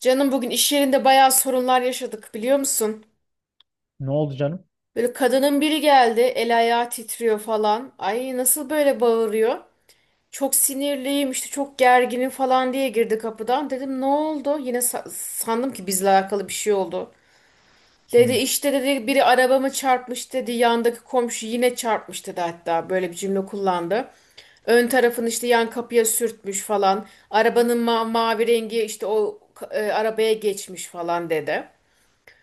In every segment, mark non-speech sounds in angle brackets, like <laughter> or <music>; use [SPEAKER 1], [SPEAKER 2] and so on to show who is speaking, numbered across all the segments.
[SPEAKER 1] Canım bugün iş yerinde bayağı sorunlar yaşadık biliyor musun?
[SPEAKER 2] Ne oldu canım?
[SPEAKER 1] Böyle kadının biri geldi, el ayağı titriyor falan. Ay nasıl böyle bağırıyor? Çok sinirliyim işte, çok gerginim falan diye girdi kapıdan. Dedim ne oldu? Yine sandım ki bizle alakalı bir şey oldu. Dedi
[SPEAKER 2] Hı.
[SPEAKER 1] işte, dedi biri arabamı çarpmış dedi. Yandaki komşu yine çarpmış dedi, hatta böyle bir cümle kullandı. Ön tarafını işte yan kapıya sürtmüş falan. Arabanın mavi rengi işte o arabaya geçmiş falan dedi.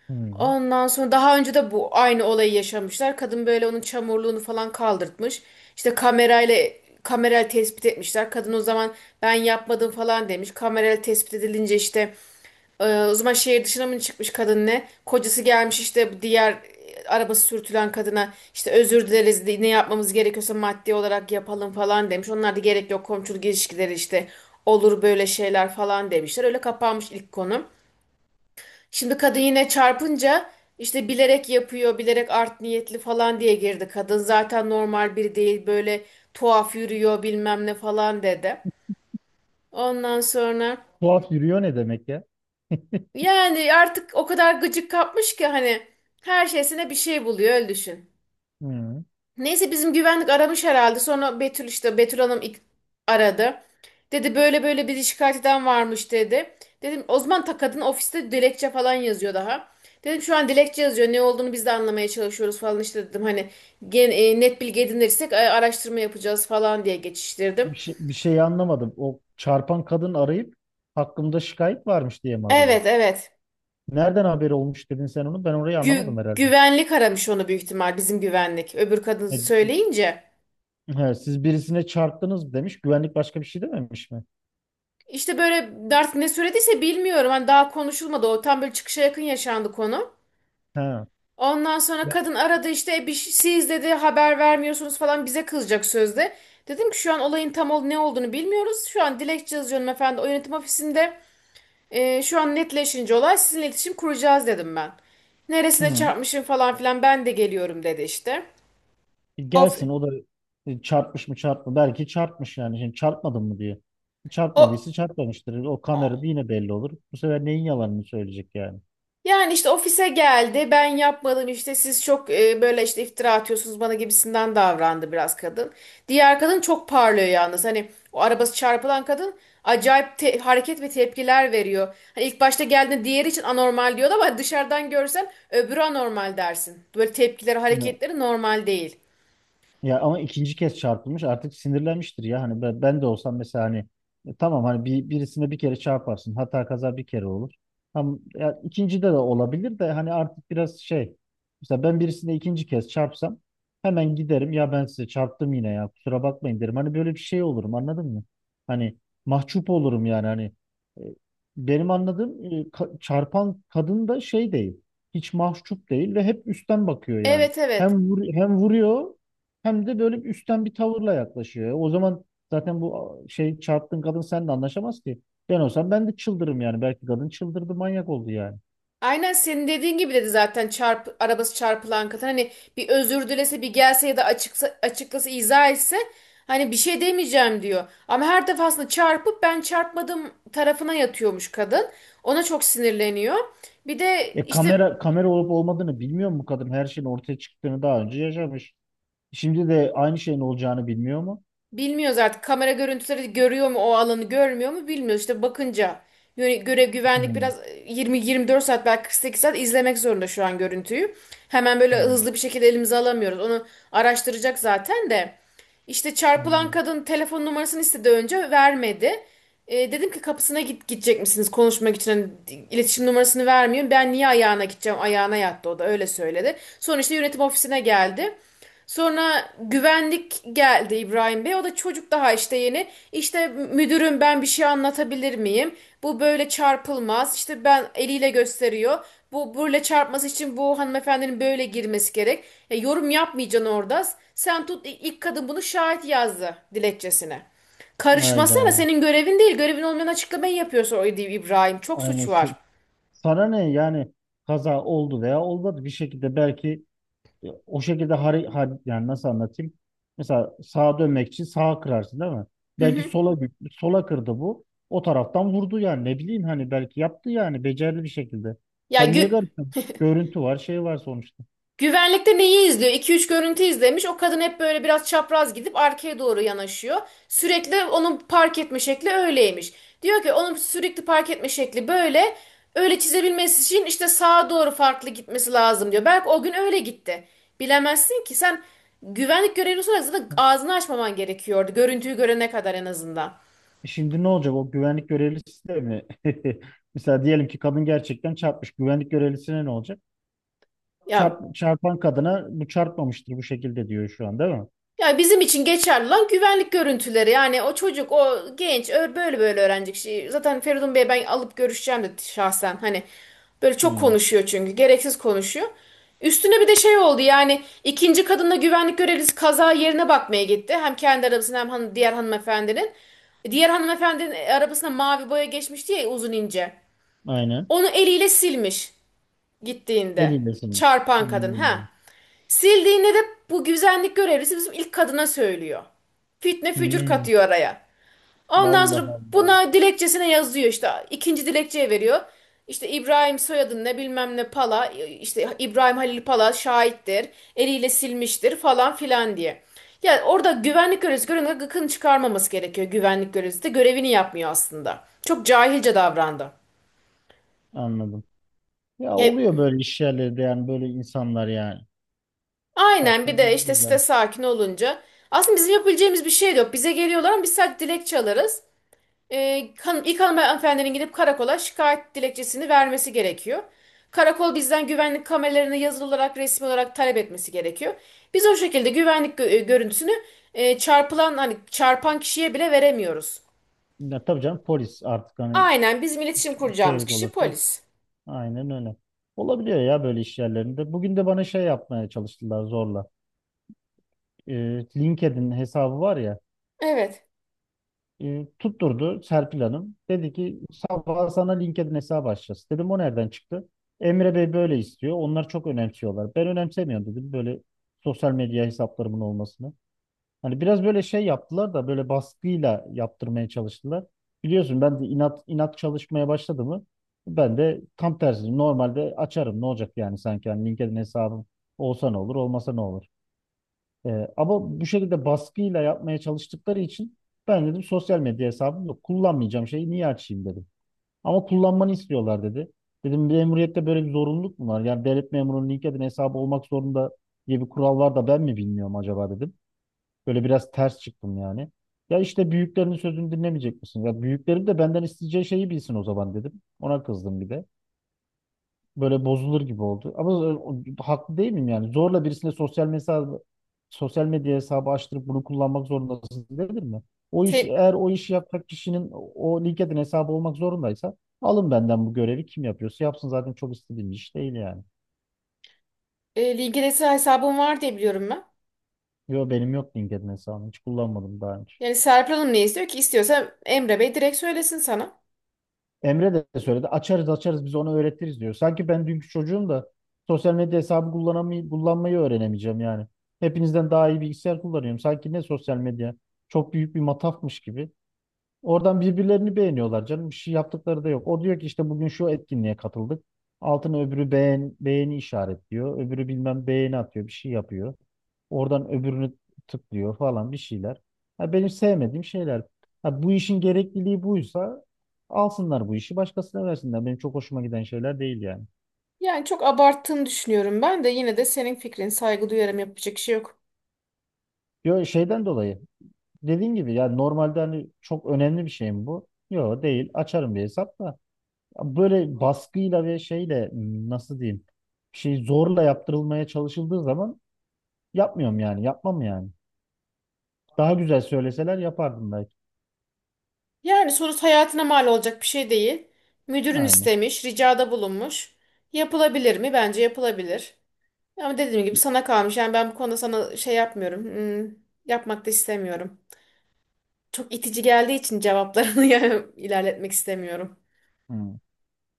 [SPEAKER 2] Hı.
[SPEAKER 1] Ondan sonra daha önce de bu aynı olayı yaşamışlar. Kadın böyle onun çamurluğunu falan kaldırtmış. İşte kamerayla tespit etmişler. Kadın o zaman ben yapmadım falan demiş. Kamerayla tespit edilince o zaman şehir dışına mı çıkmış kadın ne? Kocası gelmiş işte, bu diğer arabası sürtülen kadına işte özür dileriz, ne yapmamız gerekiyorsa maddi olarak yapalım falan demiş. Onlar da gerek yok, komşuluk ilişkileri işte, olur böyle şeyler falan demişler. Öyle kapanmış ilk konu. Şimdi kadın yine çarpınca işte bilerek yapıyor, bilerek art niyetli falan diye girdi. Kadın zaten normal biri değil, böyle tuhaf yürüyor bilmem ne falan dedi. Ondan sonra
[SPEAKER 2] Tuhaf yürüyor ne demek ya?
[SPEAKER 1] yani artık o kadar gıcık kapmış ki hani her şeysine bir şey buluyor öyle düşün.
[SPEAKER 2] Hı.
[SPEAKER 1] Neyse bizim güvenlik aramış herhalde. Sonra Betül işte Betül Hanım ilk aradı. Dedi böyle böyle bir şikayet eden varmış dedi. Dedim o zaman ta kadın ofiste dilekçe falan yazıyor daha. Dedim şu an dilekçe yazıyor, ne olduğunu biz de anlamaya çalışıyoruz falan işte dedim, hani net bilgi edinirsek araştırma yapacağız falan diye geçiştirdim.
[SPEAKER 2] Bir şey anlamadım. O çarpan kadın arayıp hakkımda şikayet varmış diye mi arıyor?
[SPEAKER 1] Evet, evet.
[SPEAKER 2] Nereden haberi olmuş dedin sen onu? Ben orayı anlamadım herhalde.
[SPEAKER 1] Güvenlik aramış onu büyük ihtimal, bizim güvenlik öbür kadın
[SPEAKER 2] E,
[SPEAKER 1] söyleyince.
[SPEAKER 2] he, siz birisine çarptınız mı demiş. Güvenlik başka bir şey dememiş mi?
[SPEAKER 1] İşte böyle artık ne söylediyse bilmiyorum, hani daha konuşulmadı, o tam böyle çıkışa yakın yaşandı konu.
[SPEAKER 2] He.
[SPEAKER 1] Ondan sonra kadın aradı işte. Siz dedi haber vermiyorsunuz falan, bize kızacak sözde." Dedim ki şu an olayın tam ne olduğunu bilmiyoruz. Şu an dilekçe yazıyorum efendim, o yönetim ofisinde. Şu an netleşince olay sizinle iletişim kuracağız dedim ben. Neresine
[SPEAKER 2] Hı.
[SPEAKER 1] çarpmışım falan filan, ben de geliyorum dedi işte. Of,
[SPEAKER 2] Gelsin o da çarpmış mı çarpma. Belki çarpmış yani. Şimdi çarpmadın mı diyor.
[SPEAKER 1] o,
[SPEAKER 2] Çarpmadıysa çarpmamıştır. O kamerada yine belli olur. Bu sefer neyin yalanını söyleyecek yani?
[SPEAKER 1] yani işte ofise geldi, ben yapmadım işte, siz çok böyle işte iftira atıyorsunuz bana gibisinden davrandı biraz kadın. Diğer kadın çok parlıyor yalnız. Hani o arabası çarpılan kadın acayip hareket ve tepkiler veriyor. Hani ilk başta geldiğinde diğeri için anormal diyordu ama dışarıdan görsen öbürü anormal dersin. Böyle tepkileri, hareketleri normal değil.
[SPEAKER 2] Ya ama ikinci kez çarpılmış artık sinirlenmiştir ya. Hani ben de olsam mesela hani tamam hani birisine bir kere çarparsın. Hata kaza bir kere olur. Tam ya ikinci de de olabilir de hani artık biraz şey. Mesela ben birisine ikinci kez çarpsam hemen giderim ya ben size çarptım yine ya kusura bakmayın derim. Hani böyle bir şey olurum anladın mı? Hani mahcup olurum yani hani e, benim anladığım çarpan kadın da şey değil. Hiç mahcup değil ve hep üstten bakıyor yani.
[SPEAKER 1] Evet, evet.
[SPEAKER 2] Hem vuruyor hem de böyle bir üstten bir tavırla yaklaşıyor. O zaman zaten bu şey çarptığın kadın seninle anlaşamaz ki. Ben olsam ben de çıldırırım yani. Belki kadın çıldırdı, manyak oldu yani.
[SPEAKER 1] Aynen senin dediğin gibi dedi zaten arabası çarpılan kadın. Hani bir özür dilese, bir gelse, ya da açıklasa, izah etse hani bir şey demeyeceğim diyor. Ama her defasında çarpıp ben çarpmadım tarafına yatıyormuş kadın. Ona çok sinirleniyor. Bir de
[SPEAKER 2] E
[SPEAKER 1] işte.
[SPEAKER 2] kamera olup olmadığını bilmiyor mu kadın? Her şeyin ortaya çıktığını daha önce yaşamış. Şimdi de aynı şeyin olacağını bilmiyor mu?
[SPEAKER 1] Bilmiyoruz artık, kamera görüntüleri görüyor mu o alanı, görmüyor mu bilmiyoruz. İşte bakınca göre güvenlik
[SPEAKER 2] Hmm,
[SPEAKER 1] biraz 20-24 saat, belki 48 saat izlemek zorunda şu an görüntüyü. Hemen böyle
[SPEAKER 2] hmm,
[SPEAKER 1] hızlı bir şekilde elimize alamıyoruz. Onu araştıracak zaten de. İşte çarpılan
[SPEAKER 2] anladım.
[SPEAKER 1] kadın telefon numarasını istedi, önce vermedi. Dedim ki kapısına git, gidecek misiniz konuşmak için? Hani iletişim numarasını vermiyor. Ben niye ayağına gideceğim? Ayağına yattı, o da öyle söyledi. Sonra işte yönetim ofisine geldi. Sonra güvenlik geldi, İbrahim Bey. O da çocuk daha işte, yeni. İşte müdürüm ben bir şey anlatabilir miyim? Bu böyle çarpılmaz. İşte, ben, eliyle gösteriyor. Bu böyle çarpması için bu hanımefendinin böyle girmesi gerek. Yorum yapmayacaksın orada. Sen tut, ilk kadın bunu şahit yazdı dilekçesine. Karışmasana,
[SPEAKER 2] Hayda.
[SPEAKER 1] senin görevin değil. Görevin olmayan açıklamayı yapıyorsun o İbrahim. Çok
[SPEAKER 2] Aynen.
[SPEAKER 1] suç var.
[SPEAKER 2] Sana ne yani kaza oldu veya olmadı bir şekilde belki. O şekilde yani nasıl anlatayım? Mesela sağa dönmek için sağa kırarsın değil mi?
[SPEAKER 1] Hı
[SPEAKER 2] Belki
[SPEAKER 1] hı.
[SPEAKER 2] sola kırdı bu. O taraftan vurdu yani ne bileyim hani belki yaptı yani becerdi bir şekilde.
[SPEAKER 1] Ya
[SPEAKER 2] Sen niye
[SPEAKER 1] gü
[SPEAKER 2] garipsin? Görüntü var, şey var sonuçta.
[SPEAKER 1] Güvenlikte neyi izliyor? 2 üç görüntü izlemiş. O kadın hep böyle biraz çapraz gidip arkaya doğru yanaşıyor. Sürekli onun park etme şekli öyleymiş. Diyor ki onun sürekli park etme şekli böyle. Öyle çizebilmesi için işte sağa doğru farklı gitmesi lazım diyor. Belki o gün öyle gitti. Bilemezsin ki sen, güvenlik görevlisi olarak zaten ağzını açmaman gerekiyordu. Görüntüyü görene kadar en azından.
[SPEAKER 2] E şimdi ne olacak o güvenlik görevlisi de mi? <laughs> Mesela diyelim ki kadın gerçekten çarpmış. Güvenlik görevlisine ne olacak?
[SPEAKER 1] Ya
[SPEAKER 2] Çarpan kadına bu çarpmamıştır bu şekilde diyor şu an değil mi?
[SPEAKER 1] Ya, bizim için geçerli olan güvenlik görüntüleri. Yani o çocuk, o genç böyle öğrenecek şey. Zaten Feridun Bey'e ben alıp görüşeceğim de şahsen. Hani böyle çok
[SPEAKER 2] Hmm,
[SPEAKER 1] konuşuyor çünkü. Gereksiz konuşuyor. Üstüne bir de şey oldu yani, ikinci kadınla güvenlik görevlisi kaza yerine bakmaya gitti. Hem kendi arabasına, hem diğer hanımefendinin. Diğer hanımefendinin arabasına mavi boya geçmişti ya, uzun ince.
[SPEAKER 2] aynen.
[SPEAKER 1] Onu eliyle silmiş gittiğinde.
[SPEAKER 2] Elindesinmiş.
[SPEAKER 1] Çarpan kadın ha.
[SPEAKER 2] Hmm.
[SPEAKER 1] Sildiğinde de bu güvenlik görevlisi bizim ilk kadına söylüyor. Fitne fücür
[SPEAKER 2] Hmm.
[SPEAKER 1] katıyor araya. Ondan
[SPEAKER 2] Allah
[SPEAKER 1] sonra
[SPEAKER 2] Allah.
[SPEAKER 1] buna dilekçesine yazıyor işte, ikinci dilekçeye veriyor. İşte İbrahim soyadın ne bilmem ne Pala, işte İbrahim Halil Pala şahittir. Eliyle silmiştir falan filan diye. Yani orada güvenlik görevlisi görevini, gıkını çıkarmaması gerekiyor. Güvenlik görevlisi de görevini yapmıyor aslında. Çok cahilce davrandı.
[SPEAKER 2] Anladım. Ya oluyor
[SPEAKER 1] Yani.
[SPEAKER 2] böyle iş yerlerinde yani böyle insanlar yani.
[SPEAKER 1] Aynen,
[SPEAKER 2] Saçma
[SPEAKER 1] bir de işte site
[SPEAKER 2] durumlar.
[SPEAKER 1] sakin olunca. Aslında bizim yapabileceğimiz bir şey de yok. Bize geliyorlar ama biz sadece dilekçe alırız. İlk hanımefendinin gidip karakola şikayet dilekçesini vermesi gerekiyor. Karakol bizden güvenlik kameralarını yazılı olarak, resmi olarak talep etmesi gerekiyor. Biz o şekilde görüntüsünü çarpılan, hani çarpan kişiye bile veremiyoruz.
[SPEAKER 2] Ya tabii canım polis artık hani
[SPEAKER 1] Aynen, bizim iletişim kuracağımız
[SPEAKER 2] şey
[SPEAKER 1] kişi
[SPEAKER 2] olası.
[SPEAKER 1] polis.
[SPEAKER 2] Aynen öyle. Olabiliyor ya böyle iş yerlerinde. Bugün de bana şey yapmaya çalıştılar zorla. Ee, LinkedIn hesabı var ya.
[SPEAKER 1] Evet.
[SPEAKER 2] Tutturdu Serpil Hanım. Dedi ki sabah sana LinkedIn hesabı açacağız. Dedim o nereden çıktı? Emre Bey böyle istiyor. Onlar çok önemsiyorlar. Ben önemsemiyorum dedim böyle sosyal medya hesaplarımın olmasını. Hani biraz böyle şey yaptılar da böyle baskıyla yaptırmaya çalıştılar. Biliyorsun ben de inat inat çalışmaya başladı mı ben de tam tersi normalde açarım ne olacak yani sanki hani LinkedIn hesabım olsa ne olur olmasa ne olur. Ama bu şekilde baskıyla yapmaya çalıştıkları için ben dedim sosyal medya hesabım yok kullanmayacağım şeyi niye açayım dedim. Ama kullanmanı istiyorlar dedi. Dedim memuriyette böyle bir zorunluluk mu var? Yani devlet memurunun LinkedIn hesabı olmak zorunda diye bir kural var da ben mi bilmiyorum acaba dedim. Böyle biraz ters çıktım yani. Ya işte büyüklerinin sözünü dinlemeyecek misin? Ya büyüklerim de benden isteyeceği şeyi bilsin o zaman dedim. Ona kızdım bir de. Böyle bozulur gibi oldu. Ama haklı değil miyim yani? Zorla birisine sosyal medya hesabı açtırıp bunu kullanmak zorundasın dedim mi? O iş
[SPEAKER 1] Te,
[SPEAKER 2] eğer o işi yapacak kişinin o LinkedIn hesabı olmak zorundaysa alın benden bu görevi kim yapıyorsa yapsın zaten çok istediğim bir iş değil yani.
[SPEAKER 1] LinkedIn hesabım var diye biliyorum ben.
[SPEAKER 2] Yo benim yok LinkedIn hesabım hiç kullanmadım daha önce.
[SPEAKER 1] Yani Serpil Hanım ne istiyor ki? İstiyorsa Emre Bey direkt söylesin sana.
[SPEAKER 2] Emre de söyledi. Açarız açarız biz onu öğretiriz diyor. Sanki ben dünkü çocuğum da sosyal medya hesabı kullanmayı öğrenemeyeceğim yani. Hepinizden daha iyi bilgisayar kullanıyorum. Sanki ne sosyal medya çok büyük bir matafmış gibi. Oradan birbirlerini beğeniyorlar canım. Bir şey yaptıkları da yok. O diyor ki işte bugün şu etkinliğe katıldık. Altına öbürü beğeni işaretliyor. Öbürü bilmem beğeni atıyor. Bir şey yapıyor. Oradan öbürünü tıklıyor falan bir şeyler. Ha, benim sevmediğim şeyler. Ha, bu işin gerekliliği buysa alsınlar bu işi başkasına versinler. Benim çok hoşuma giden şeyler değil yani.
[SPEAKER 1] Yani çok abarttığını düşünüyorum ben de, yine de senin fikrin, saygı duyarım, yapacak şey yok.
[SPEAKER 2] Yo, şeyden dolayı dediğin gibi yani normalde hani çok önemli bir şey mi bu? Yok değil. Açarım bir hesap da böyle baskıyla ve şeyle nasıl diyeyim bir şey zorla yaptırılmaya çalışıldığı zaman yapmıyorum yani yapmam yani. Daha güzel söyleseler yapardım belki.
[SPEAKER 1] Yani sonuç hayatına mal olacak bir şey değil. Müdürün
[SPEAKER 2] Aynen.
[SPEAKER 1] istemiş, ricada bulunmuş. Yapılabilir mi? Bence yapılabilir. Ama dediğim gibi sana kalmış. Yani ben bu konuda sana şey yapmıyorum. Yapmak da istemiyorum. Çok itici geldiği için cevaplarını <laughs> yani ilerletmek istemiyorum.
[SPEAKER 2] Hmm.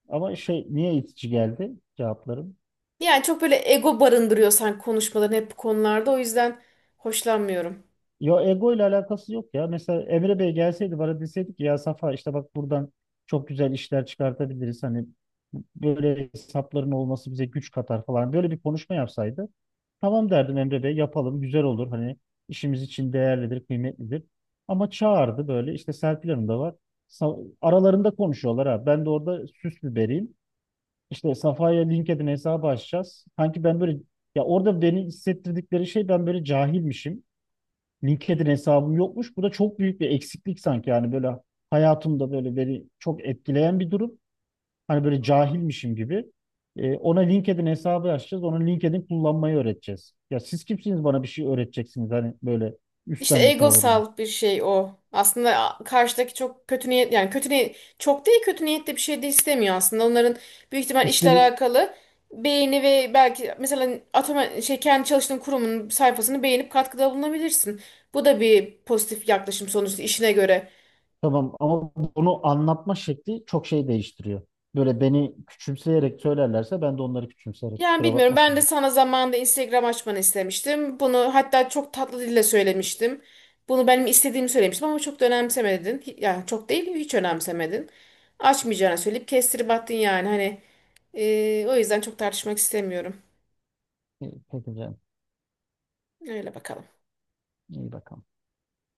[SPEAKER 2] Ama şey niye itici geldi cevaplarım?
[SPEAKER 1] Yani çok böyle ego barındırıyorsan konuşmaların hep bu konularda, o yüzden hoşlanmıyorum.
[SPEAKER 2] Yo ego ile alakası yok ya. Mesela Emre Bey gelseydi bana deseydik ki, ya Safa işte bak buradan çok güzel işler çıkartabiliriz. Hani böyle hesapların olması bize güç katar falan. Böyle bir konuşma yapsaydı tamam derdim Emre Bey yapalım güzel olur hani işimiz için değerlidir kıymetlidir. Ama çağırdı böyle işte Serpil Hanım da var. Aralarında konuşuyorlar ha. Ben de orada süs biberiyim. İşte Safa'ya LinkedIn hesabı açacağız. Sanki ben böyle ya orada beni hissettirdikleri şey ben böyle cahilmişim. LinkedIn hesabım yokmuş. Bu da çok büyük bir eksiklik sanki yani böyle hayatımda böyle beni çok etkileyen bir durum. Hani böyle cahilmişim gibi. E, ona LinkedIn hesabı açacağız. Ona LinkedIn kullanmayı öğreteceğiz. Ya siz kimsiniz bana bir şey öğreteceksiniz hani böyle
[SPEAKER 1] İşte
[SPEAKER 2] üstten bir tavırla.
[SPEAKER 1] egosal bir şey o. Aslında karşıdaki çok kötü niyet, yani kötü niyet çok değil, kötü niyetli bir şey de istemiyor aslında. Onların büyük ihtimal işle
[SPEAKER 2] İstediğim
[SPEAKER 1] alakalı beğeni ve belki mesela atama şey, kendi çalıştığın kurumun sayfasını beğenip katkıda bulunabilirsin. Bu da bir pozitif yaklaşım sonuçta, işine göre.
[SPEAKER 2] tamam ama bunu anlatma şekli çok şey değiştiriyor. Böyle beni küçümseyerek söylerlerse ben de onları küçümseyerek
[SPEAKER 1] Yani
[SPEAKER 2] kusura
[SPEAKER 1] bilmiyorum. Ben
[SPEAKER 2] bakmasın.
[SPEAKER 1] de sana zamanında Instagram açmanı istemiştim. Bunu hatta çok tatlı dille söylemiştim. Bunu benim istediğimi söylemiştim ama çok da önemsemedin. Yani çok değil, hiç önemsemedin. Açmayacağını söyleyip kestirip attın yani. Hani o yüzden çok tartışmak istemiyorum.
[SPEAKER 2] İyi, peki canım.
[SPEAKER 1] Öyle bakalım.
[SPEAKER 2] İyi bakalım.